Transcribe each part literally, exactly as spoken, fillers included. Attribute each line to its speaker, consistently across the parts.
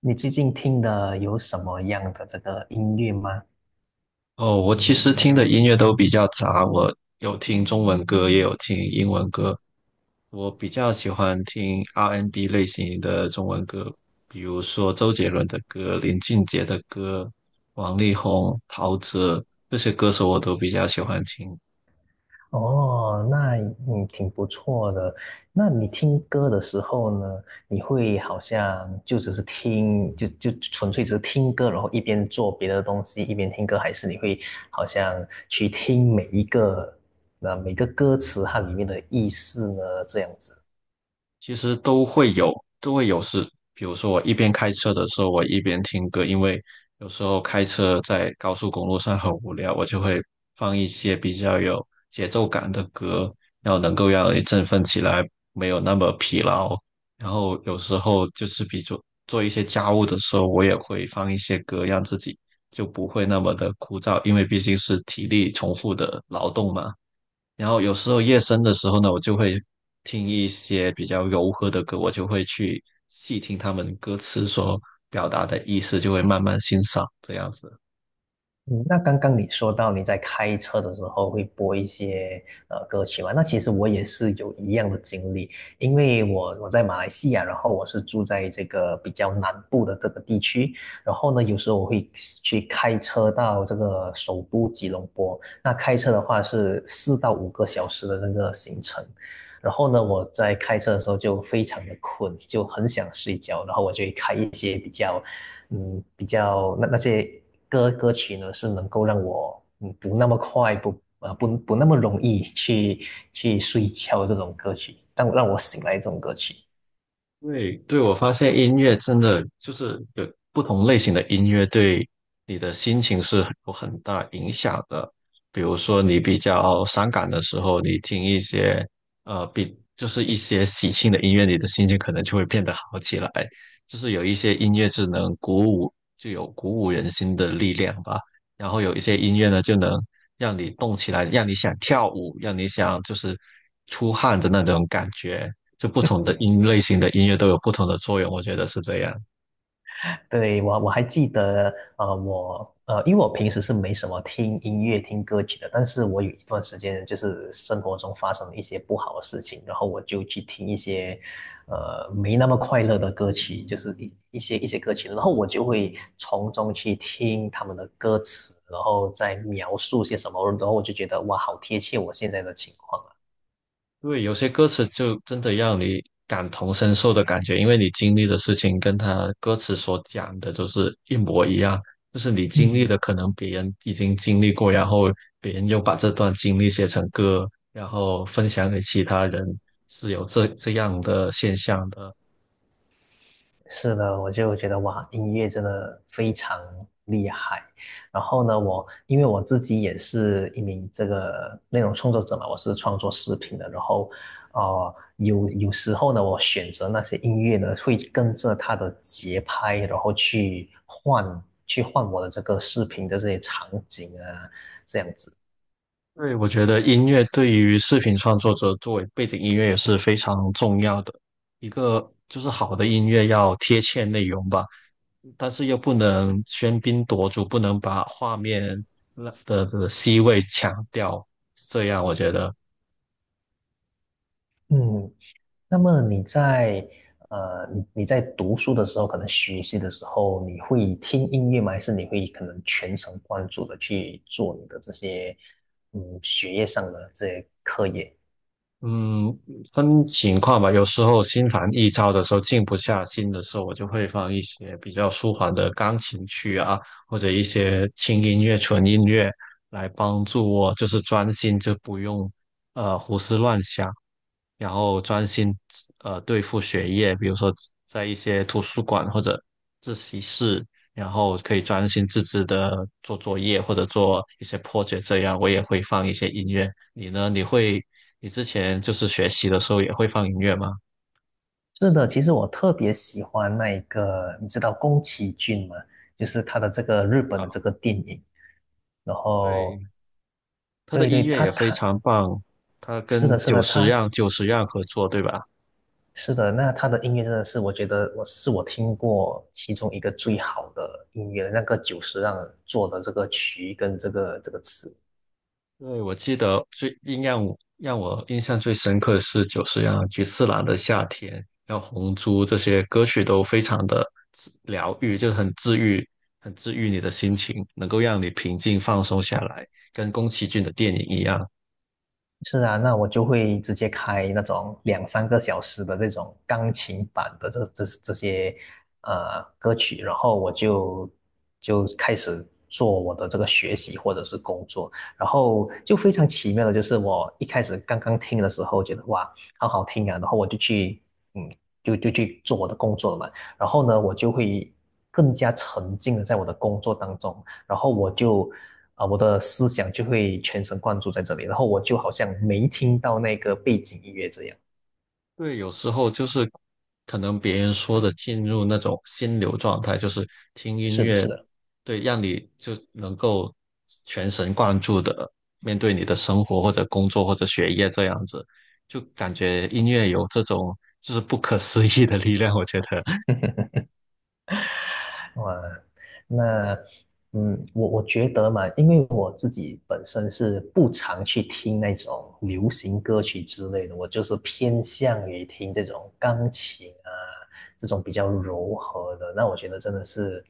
Speaker 1: 你最近听的有什么样的这个音乐吗？
Speaker 2: 哦，我其实听的音乐都比较杂，我有听中文歌，也有听英文歌。我比较喜欢听 R and B n 类型的中文歌，比如说周杰伦的歌、林俊杰的歌、王力宏、陶喆这些歌手，我都比较喜欢听。
Speaker 1: 哦，那嗯挺不错的。那你听歌的时候呢，你会好像就只是听，就就纯粹只是听歌，然后一边做别的东西一边听歌，还是你会好像去听每一个那每个歌词它里面的意思呢？这样子。
Speaker 2: 其实都会有，都会有事。比如说，我一边开车的时候，我一边听歌，因为有时候开车在高速公路上很无聊，我就会放一些比较有节奏感的歌，然后能够让人振奋起来，没有那么疲劳。然后有时候就是比做做一些家务的时候，我也会放一些歌，让自己就不会那么的枯燥，因为毕竟是体力重复的劳动嘛。然后有时候夜深的时候呢，我就会听一些比较柔和的歌，我就会去细听他们歌词所表达的意思，就会慢慢欣赏这样子。
Speaker 1: 嗯，那刚刚你说到你在开车的时候会播一些呃歌曲嘛？那其实我也是有一样的经历，因为我我在马来西亚，然后我是住在这个比较南部的这个地区，然后呢，有时候我会去开车到这个首都吉隆坡，那开车的话是四到五个小时的这个行程，然后呢，我在开车的时候就非常的困，就很想睡觉，然后我就会开一些比较嗯，比较那那些歌歌曲呢，是能够让我嗯不那么快不呃不不那么容易去去睡觉的这种歌曲，让让我醒来这种歌曲。
Speaker 2: 对对，我发现音乐真的就是有不同类型的音乐对你的心情是有很大影响的。比如说你比较伤感的时候，你听一些呃比就是一些喜庆的音乐，你的心情可能就会变得好起来。就是有一些音乐是能鼓舞，就有鼓舞人心的力量吧。然后有一些音乐呢，就能让你动起来，让你想跳舞，让你想就是出汗的那种感觉。就不同的音类型的音乐都有不同的作用，我觉得是这样。
Speaker 1: 对，我我还记得，呃，我呃，因为我平时是没什么听音乐、听歌曲的，但是我有一段时间就是生活中发生了一些不好的事情，然后我就去听一些，呃，没那么快乐的歌曲，就是一一些一些歌曲，然后我就会从中去听他们的歌词，然后再描述些什么，然后我就觉得哇，好贴切我现在的情况啊。
Speaker 2: 因为有些歌词就真的让你感同身受的感觉，因为你经历的事情跟他歌词所讲的都是一模一样，就是你经历
Speaker 1: 嗯，
Speaker 2: 的可能别人已经经历过，然后别人又把这段经历写成歌，然后分享给其他人，是有这这样的现象的。
Speaker 1: 是的，我就觉得哇，音乐真的非常厉害。然后呢，我因为我自己也是一名这个内容创作者嘛，我是创作视频的。然后，呃，有有时候呢，我选择那些音乐呢，会跟着它的节拍，然后去换去换我的这个视频的这些场景啊，这样子。
Speaker 2: 对，我觉得音乐对于视频创作者作为背景音乐也是非常重要的。一个就是好的音乐要贴切内容吧，但是又不能喧宾夺主，不能把画面的的 C 位抢掉。这样我觉得，
Speaker 1: 嗯，那么你在呃，你你在读书的时候，可能学习的时候，你会听音乐吗？还是你会可能全程贯注的去做你的这些嗯学业上的这些课业？
Speaker 2: 嗯，分情况吧。有时候心烦意躁的时候，静不下心的时候，我就会放一些比较舒缓的钢琴曲啊，或者一些轻音乐、纯音乐来帮助我，就是专心，就不用呃胡思乱想。然后专心呃对付学业，比如说在一些图书馆或者自习室，然后可以专心致志的做作业或者做一些破解。这样。我也会放一些音乐，你呢？你会你之前就是学习的时候也会放音乐吗？
Speaker 1: 是的，其实我特别喜欢那一个，你知道宫崎骏吗？就是他的这个日本
Speaker 2: 啊，
Speaker 1: 的这个电影，然后
Speaker 2: 对，他的
Speaker 1: 对对，
Speaker 2: 音乐
Speaker 1: 他
Speaker 2: 也非
Speaker 1: 他
Speaker 2: 常棒，他
Speaker 1: 是的，
Speaker 2: 跟
Speaker 1: 是
Speaker 2: 久
Speaker 1: 的，
Speaker 2: 石
Speaker 1: 他
Speaker 2: 让久石让合作，对吧？
Speaker 1: 是的，那他的音乐真的是，我觉得我是我听过其中一个最好的音乐，那个久石让做的这个曲跟这个这个词。
Speaker 2: 对，我记得最印让我让我印象最深刻的是久石让、菊次郎的《夏天》，还有《红猪》这些歌曲都非常的治疗愈，就是很治愈，很治愈你的心情，能够让你平静放松下来，跟宫崎骏的电影一样。
Speaker 1: 是啊，那我就会直接开那种两三个小时的这种钢琴版的这这这些呃歌曲，然后我就就开始做我的这个学习或者是工作，然后就非常奇妙的就是我一开始刚刚听的时候觉得哇好好听啊，然后我就去嗯就就去做我的工作了嘛，然后呢我就会更加沉浸的在我的工作当中，然后我就啊、我的思想就会全神贯注在这里，然后我就好像没听到那个背景音乐这样。
Speaker 2: 对，有时候就是可能别人说的进入那种心流状态，就是听音
Speaker 1: 是的，
Speaker 2: 乐，
Speaker 1: 是的。
Speaker 2: 对，让你就能够全神贯注的面对你的生活或者工作或者学业这样子，就感觉音乐有这种就是不可思议的力量，我觉得
Speaker 1: 哇，那嗯，我我觉得嘛，因为我自己本身是不常去听那种流行歌曲之类的，我就是偏向于听这种钢琴啊，这种比较柔和的。那我觉得真的是，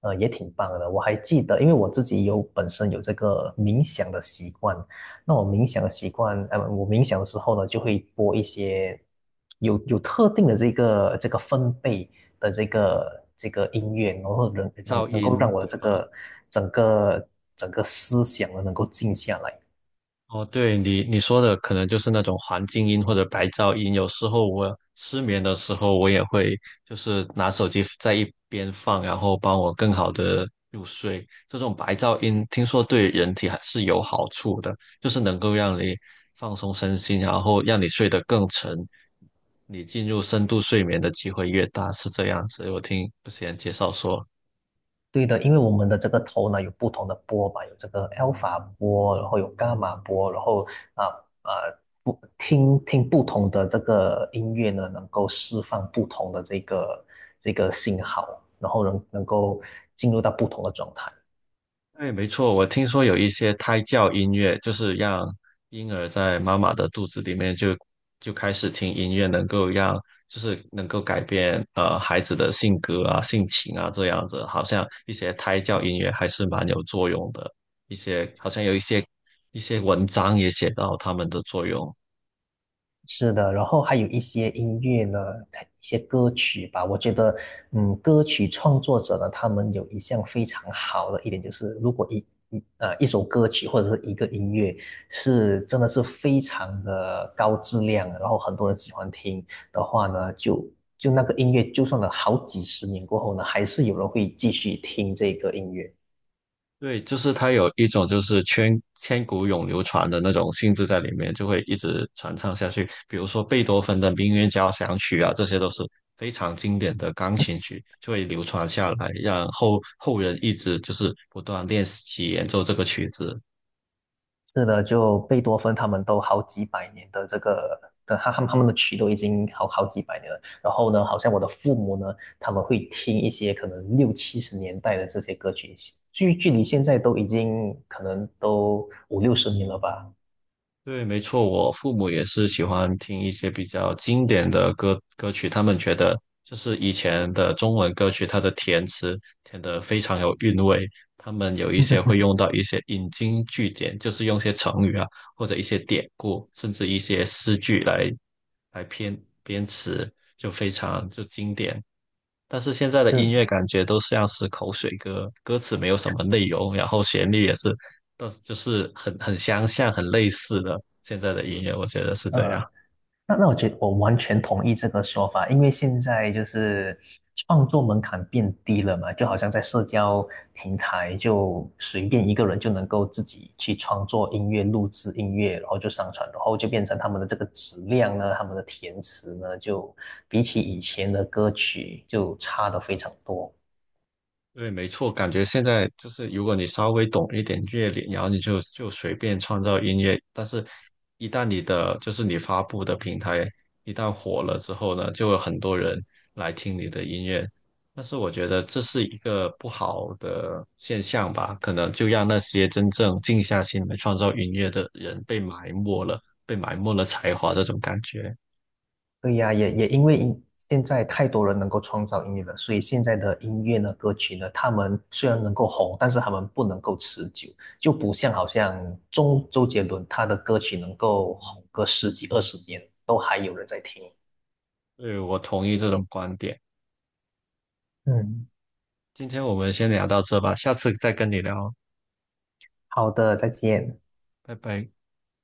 Speaker 1: 呃，也挺棒的。我还记得，因为我自己有本身有这个冥想的习惯，那我冥想的习惯，呃，我冥想的时候呢，就会播一些有有特定的这个这个分贝的这个这个音乐，然后能 能
Speaker 2: 噪
Speaker 1: 能够让
Speaker 2: 音，
Speaker 1: 我的
Speaker 2: 对
Speaker 1: 这
Speaker 2: 吗？
Speaker 1: 个整个整个思想呢能够静下来。
Speaker 2: 哦，对你你说的可能就是那种环境音或者白噪音。有时候我失眠的时候，我也会就是拿手机在一边放，然后帮我更好的入睡。这种白噪音听说对人体还是有好处的，就是能够让你放松身心，然后让你睡得更沉，你进入深度睡眠的机会越大，是这样子。我听之前介绍说。
Speaker 1: 对的，因为我们的这个头呢有不同的波嘛，有这个 alpha 波，然后有伽马波，然后啊啊不听听不同的这个音乐呢，能够释放不同的这个这个信号，然后能能够进入到不同的状态。
Speaker 2: 对，没错，我听说有一些胎教音乐，就是让婴儿在妈妈的肚子里面就就开始听音乐，能够让就是能够改变呃孩子的性格啊、性情啊这样子，好像一些胎教音乐还是蛮有作用的。一些好像有一些一些文章也写到他们的作用。
Speaker 1: 是的，然后还有一些音乐呢，它一些歌曲吧，我觉得，嗯，歌曲创作者呢，他们有一项非常好的一点，就是如果一一呃一首歌曲或者是一个音乐是真的是非常的高质量，然后很多人喜欢听的话呢，就就那个音乐，就算了好几十年过后呢，还是有人会继续听这个音乐。
Speaker 2: 对，就是它有一种就是千千古永流传的那种性质在里面，就会一直传唱下去。比如说贝多芬的《命运交响曲》啊，这些都是非常经典的钢琴曲，就会流传下来，让后后人一直就是不断练习演奏这个曲子。
Speaker 1: 是的，就贝多芬他们都好几百年的这个的，他他们他们的曲都已经好好几百年了。然后呢，好像我的父母呢，他们会听一些可能六七十年代的这些歌曲，距距离现在都已经可能都五六十年了吧。
Speaker 2: 对，没错，我父母也是喜欢听一些比较经典的歌歌曲，他们觉得就是以前的中文歌曲，它的填词填得非常有韵味，他们有一些会用到一些引经据典，就是用一些成语啊，或者一些典故，甚至一些诗句来来编编词，就非常就经典。但是现在的音
Speaker 1: 是，
Speaker 2: 乐感觉都像是口水歌，歌词没有什么内容，然后旋律也是，但是就是很很相像、很类似的现在的音乐，我觉得是这样。
Speaker 1: 呃，那那我觉得我完全同意这个说法，因为现在就是创作门槛变低了嘛，就好像在社交平台就随便一个人就能够自己去创作音乐、录制音乐，然后就上传，然后就变成他们的这个质量呢，他们的填词呢，就比起以前的歌曲就差的非常多。
Speaker 2: 对，没错，感觉现在就是，如果你稍微懂一点乐理，然后你就就随便创造音乐，但是，一旦你的就是你发布的平台一旦火了之后呢，就有很多人来听你的音乐，但是我觉得这是一个不好的现象吧，可能就让那些真正静下心来创造音乐的人被埋没了，被埋没了才华这种感觉。
Speaker 1: 对呀，也也因为音现在太多人能够创造音乐了，所以现在的音乐呢、歌曲呢，他们虽然能够红，但是他们不能够持久，就不像好像周周杰伦他的歌曲能够红个十几二十年，都还有人在听。
Speaker 2: 对，我同意这种观点。
Speaker 1: 嗯，
Speaker 2: 今天我们先聊到这吧，下次再跟你聊，
Speaker 1: 好的，再见。
Speaker 2: 拜拜。